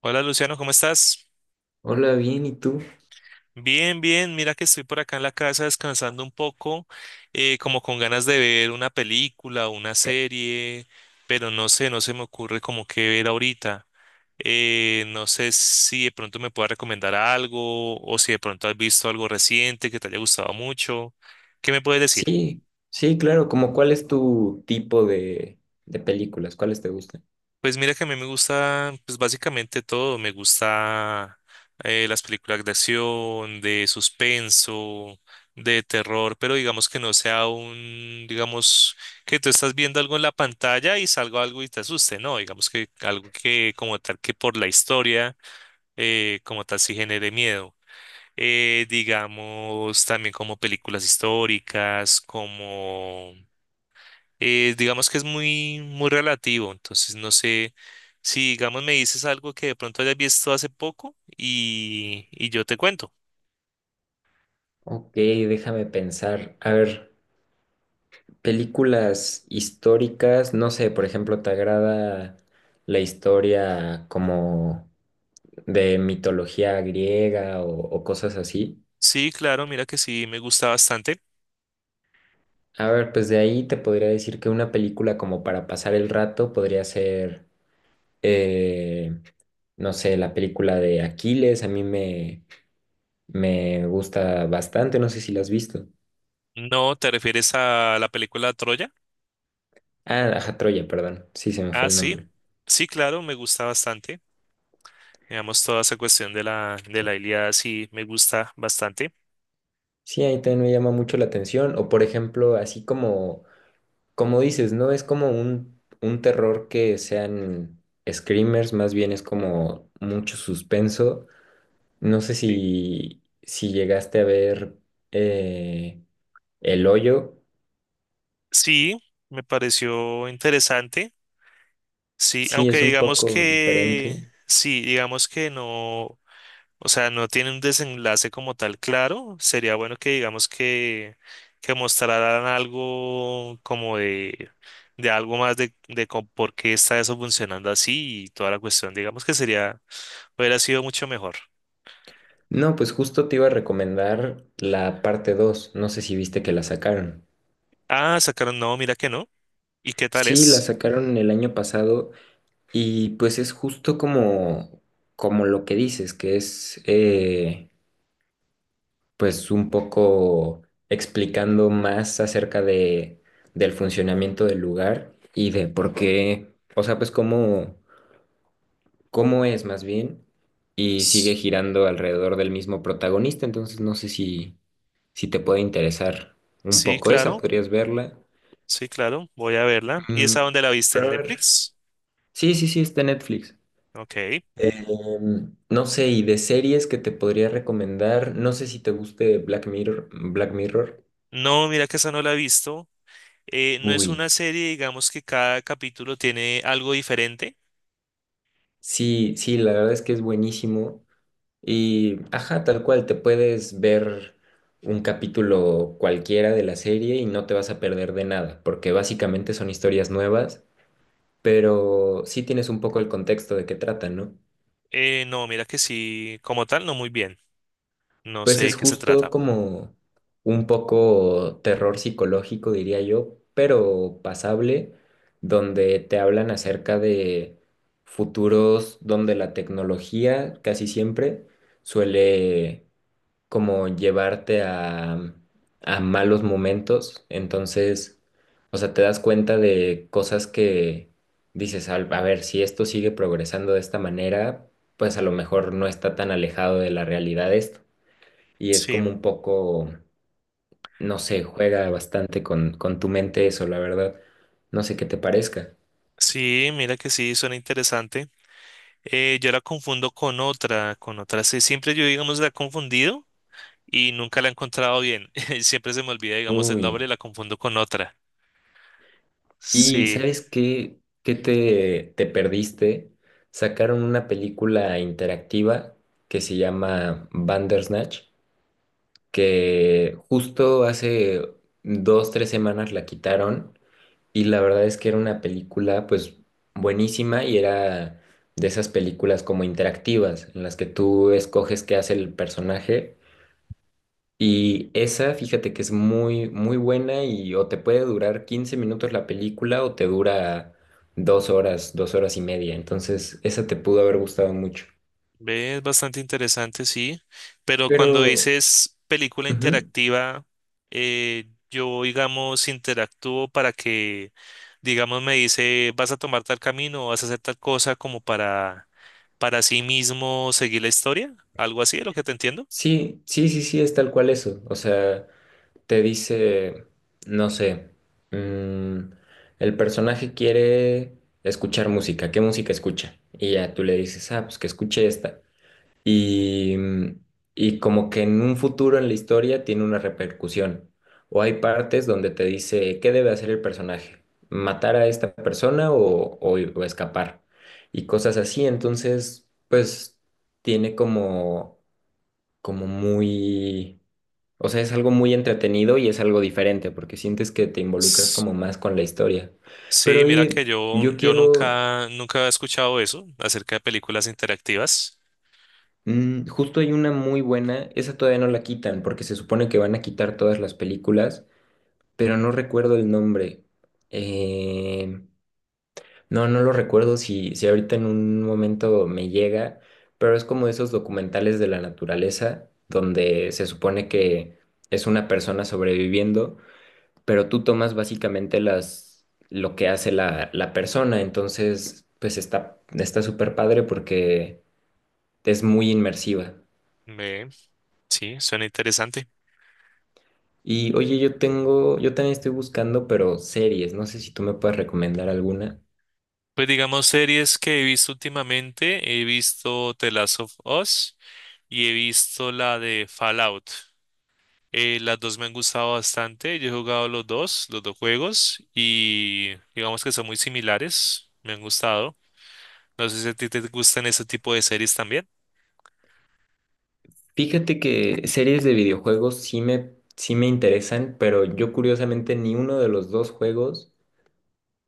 Hola Luciano, ¿cómo estás? Hola, bien, ¿y tú? Bien, bien, mira que estoy por acá en la casa descansando un poco, como con ganas de ver una película o una serie, pero no sé, no se me ocurre como qué ver ahorita. No sé si de pronto me puedas recomendar algo o si de pronto has visto algo reciente que te haya gustado mucho. ¿Qué me puedes decir? Sí, sí, claro, como cuál es tu tipo de películas, ¿cuáles te gustan? Pues mira que a mí me gusta, pues básicamente todo. Me gusta las películas de acción, de suspenso, de terror, pero digamos que no sea un, digamos, que tú estás viendo algo en la pantalla y salga algo y te asuste, ¿no? Digamos que algo que como tal que por la historia, como tal sí genere miedo. Digamos también como películas históricas, como digamos que es muy, muy relativo, entonces no sé si, digamos, me dices algo que de pronto hayas visto hace poco y yo te cuento. Ok, déjame pensar. A ver, películas históricas, no sé, por ejemplo, ¿te agrada la historia como de mitología griega o cosas así? Sí, claro, mira que sí, me gusta bastante. A ver, pues de ahí te podría decir que una película como para pasar el rato podría ser, eh, no sé, la película de Aquiles, a mí me... Me gusta bastante, no sé si la has visto. No, ¿te refieres a la película Troya? Ah, ajá, Troya, perdón. Sí, se me Ah, fue el sí, nombre. sí, claro, me gusta bastante. Digamos, toda esa cuestión de la Ilíada sí me gusta bastante. Sí, ahí también me llama mucho la atención. O por ejemplo, así como dices, no es como un terror que sean screamers, más bien es como mucho suspenso. No sé Sí. si llegaste a ver eh, El Hoyo. Sí, me pareció interesante. Sí, Sí, aunque es un digamos poco que, diferente. sí, digamos que no. O sea, no tiene un desenlace como tal claro. Sería bueno que digamos que mostraran algo como de algo más de, por qué está eso funcionando así y toda la cuestión. Digamos que sería, hubiera sido mucho mejor. No, pues justo te iba a recomendar la parte dos. No sé si viste que la sacaron. Ah, sacaron, no, mira que no. ¿Y qué tal Sí, la es? sacaron el año pasado y pues es justo como lo que dices, que es pues un poco explicando más acerca del funcionamiento del lugar y de por qué, o sea, pues cómo es más bien y sigue S- girando alrededor del mismo protagonista, entonces no sé si te puede interesar un Sí, poco esa, claro, podrías verla. sí, claro, voy a verla. ¿Y Mm, esa dónde la viste? ¿En pero a ver, Netflix? sí, sí, sí, está en Netflix. Ok. No sé, y de series que te podría recomendar, no sé si te guste Black Mirror, Black Mirror. No, mira que esa no la he visto. No es Uy, una serie, digamos que cada capítulo tiene algo diferente. sí, sí, la verdad es que es buenísimo. Y, ajá, tal cual, te puedes ver un capítulo cualquiera de la serie y no te vas a perder de nada, porque básicamente son historias nuevas, pero sí tienes un poco el contexto de qué tratan, ¿no? No, mira que sí, como tal, no muy bien. No Pues sé de es qué se justo trata. como un poco terror psicológico, diría yo, pero pasable, donde te hablan acerca de futuros donde la tecnología casi siempre suele como llevarte a malos momentos. Entonces, o sea, te das cuenta de cosas que dices, A ver, si esto sigue progresando de esta manera, pues a lo mejor no está tan alejado de la realidad esto y es Sí, como un poco, no sé, juega bastante con tu mente eso, la verdad. No sé qué te parezca. sí, mira que sí, suena interesante. Yo la confundo con otra, con otra. Sí, siempre yo, digamos, la he confundido y nunca la he encontrado bien. Siempre se me olvida, digamos, el nombre Uy, y la confundo con otra. ¿y Sí. sabes qué, qué te perdiste? Sacaron una película interactiva que se llama Bandersnatch, que justo hace 2, 3 semanas la quitaron. Y la verdad es que era una película pues buenísima y era de esas películas como interactivas en las que tú escoges qué hace el personaje. Y esa, fíjate que es muy, muy buena y o te puede durar 15 minutos la película o te dura 2 horas, 2 horas y media. Entonces, esa te pudo haber gustado mucho. Ve, es bastante interesante, sí. Pero cuando Pero, dices película ujú, interactiva, yo, digamos, interactúo para que, digamos, me dice, vas a tomar tal camino o vas a hacer tal cosa como para sí mismo seguir la historia. Algo así, es lo que te entiendo. sí, sí, sí, sí, es tal cual eso. O sea, te dice, no sé, mm, el personaje quiere escuchar música, ¿qué música escucha? Y ya tú le dices, ah, pues que escuche esta. Y, mm, y como que en un futuro en la historia tiene una repercusión. O hay partes donde te dice, ¿qué debe hacer el personaje? ¿Matar a esta persona o escapar? Y cosas así, entonces, pues tiene como muy... O sea, es algo muy entretenido y es algo diferente porque sientes que te involucras S- como más con la historia. Pero Sí, mira que oye, yo, yo yo quiero, nunca, nunca he escuchado eso acerca de películas interactivas. Justo hay una muy buena, esa todavía no la quitan porque se supone que van a quitar todas las películas, pero no recuerdo el nombre. Eh, no, no lo recuerdo si ahorita en un momento me llega, pero es como esos documentales de la naturaleza donde se supone que es una persona sobreviviendo pero tú tomas básicamente lo que hace la persona, entonces pues está súper padre porque es muy inmersiva. Ve, sí, suena interesante. Y oye, yo también estoy buscando, pero series, no sé si tú me puedes recomendar alguna. Pues digamos series que he visto últimamente, he visto The Last of Us y he visto la de Fallout. Las dos me han gustado bastante, yo he jugado los dos juegos y digamos que son muy similares, me han gustado. No sé si a ti te gustan ese tipo de series también. Fíjate que series de videojuegos sí me interesan, pero yo curiosamente ni uno de los dos juegos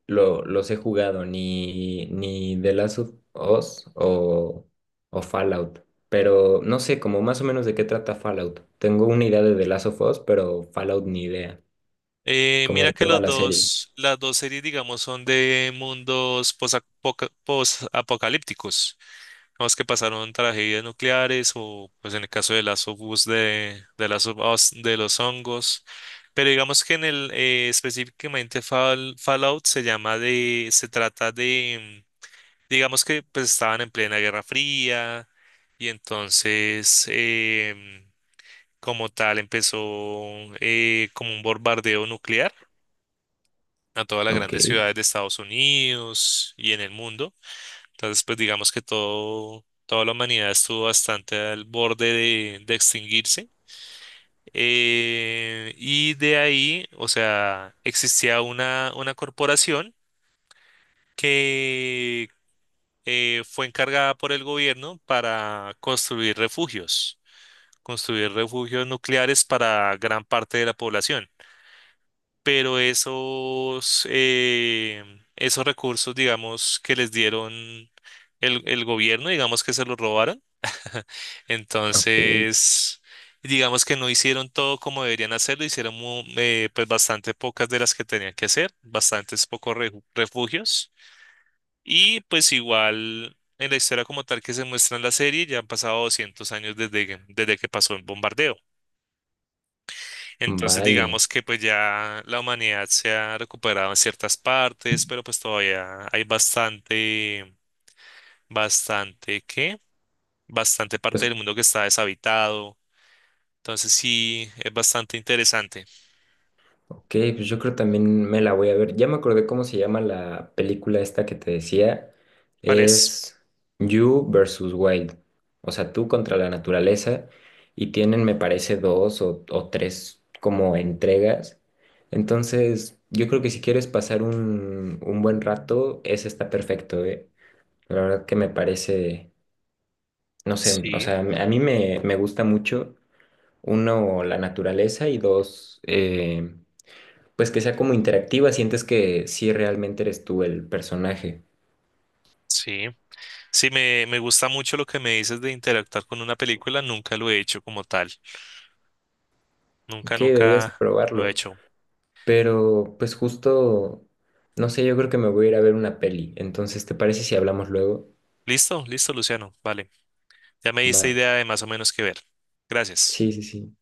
los he jugado, ni The Last of Us o Fallout. Pero no sé, como más o menos de qué trata Fallout. Tengo una idea de The Last of Us, pero Fallout ni idea. Como Mira de que qué va los la serie. dos, las dos series digamos son de mundos posapocalípticos. Los que pasaron tragedias nucleares o pues en el caso de las of Us de Last of Us, de los hongos. Pero digamos que en el específicamente Fallout se llama de, se trata de, digamos que pues estaban en plena Guerra Fría y entonces como tal empezó como un bombardeo nuclear a todas las Ok, grandes ciudades de Estados Unidos y en el mundo. Entonces, pues digamos que todo, toda la humanidad estuvo bastante al borde de extinguirse. Y de ahí, o sea, existía una corporación que fue encargada por el gobierno para construir refugios nucleares para gran parte de la población. Pero esos, esos recursos, digamos, que les dieron el gobierno, digamos que se los robaron. ok, Entonces, digamos que no hicieron todo como deberían hacerlo, pues bastante pocas de las que tenían que hacer, refugios. Y pues igual en la historia como tal que se muestra en la serie, ya han pasado 200 años desde que pasó el bombardeo. Entonces, vale. digamos que pues ya la humanidad se ha recuperado en ciertas partes, pero pues todavía hay bastante, bastante, ¿qué? Bastante parte Pues del mundo que está deshabitado. Entonces sí, es bastante interesante. ok, pues yo creo también me la voy a ver. Ya me acordé cómo se llama la película esta que te decía. ¿Cuál es? Es You versus Wild. O sea, tú contra la naturaleza. Y tienen, me parece, dos o tres como entregas. Entonces, yo creo que si quieres pasar un buen rato, ese está perfecto, ¿eh? La verdad que me parece, no sé, o Sí, sea, a mí me gusta mucho, uno, la naturaleza y dos, pues que sea como interactiva, sientes que sí realmente eres tú el personaje. sí. Sí, me gusta mucho lo que me dices de interactuar con una película. Nunca lo he hecho como tal. Nunca, Ok, deberías nunca lo he probarlo. hecho. Pero pues justo, no sé, yo creo que me voy a ir a ver una peli. Entonces, ¿te parece si hablamos luego? Listo, listo, Luciano. Vale. Ya me diste Va. idea de más o menos qué ver. Gracias. Sí, sí, sí.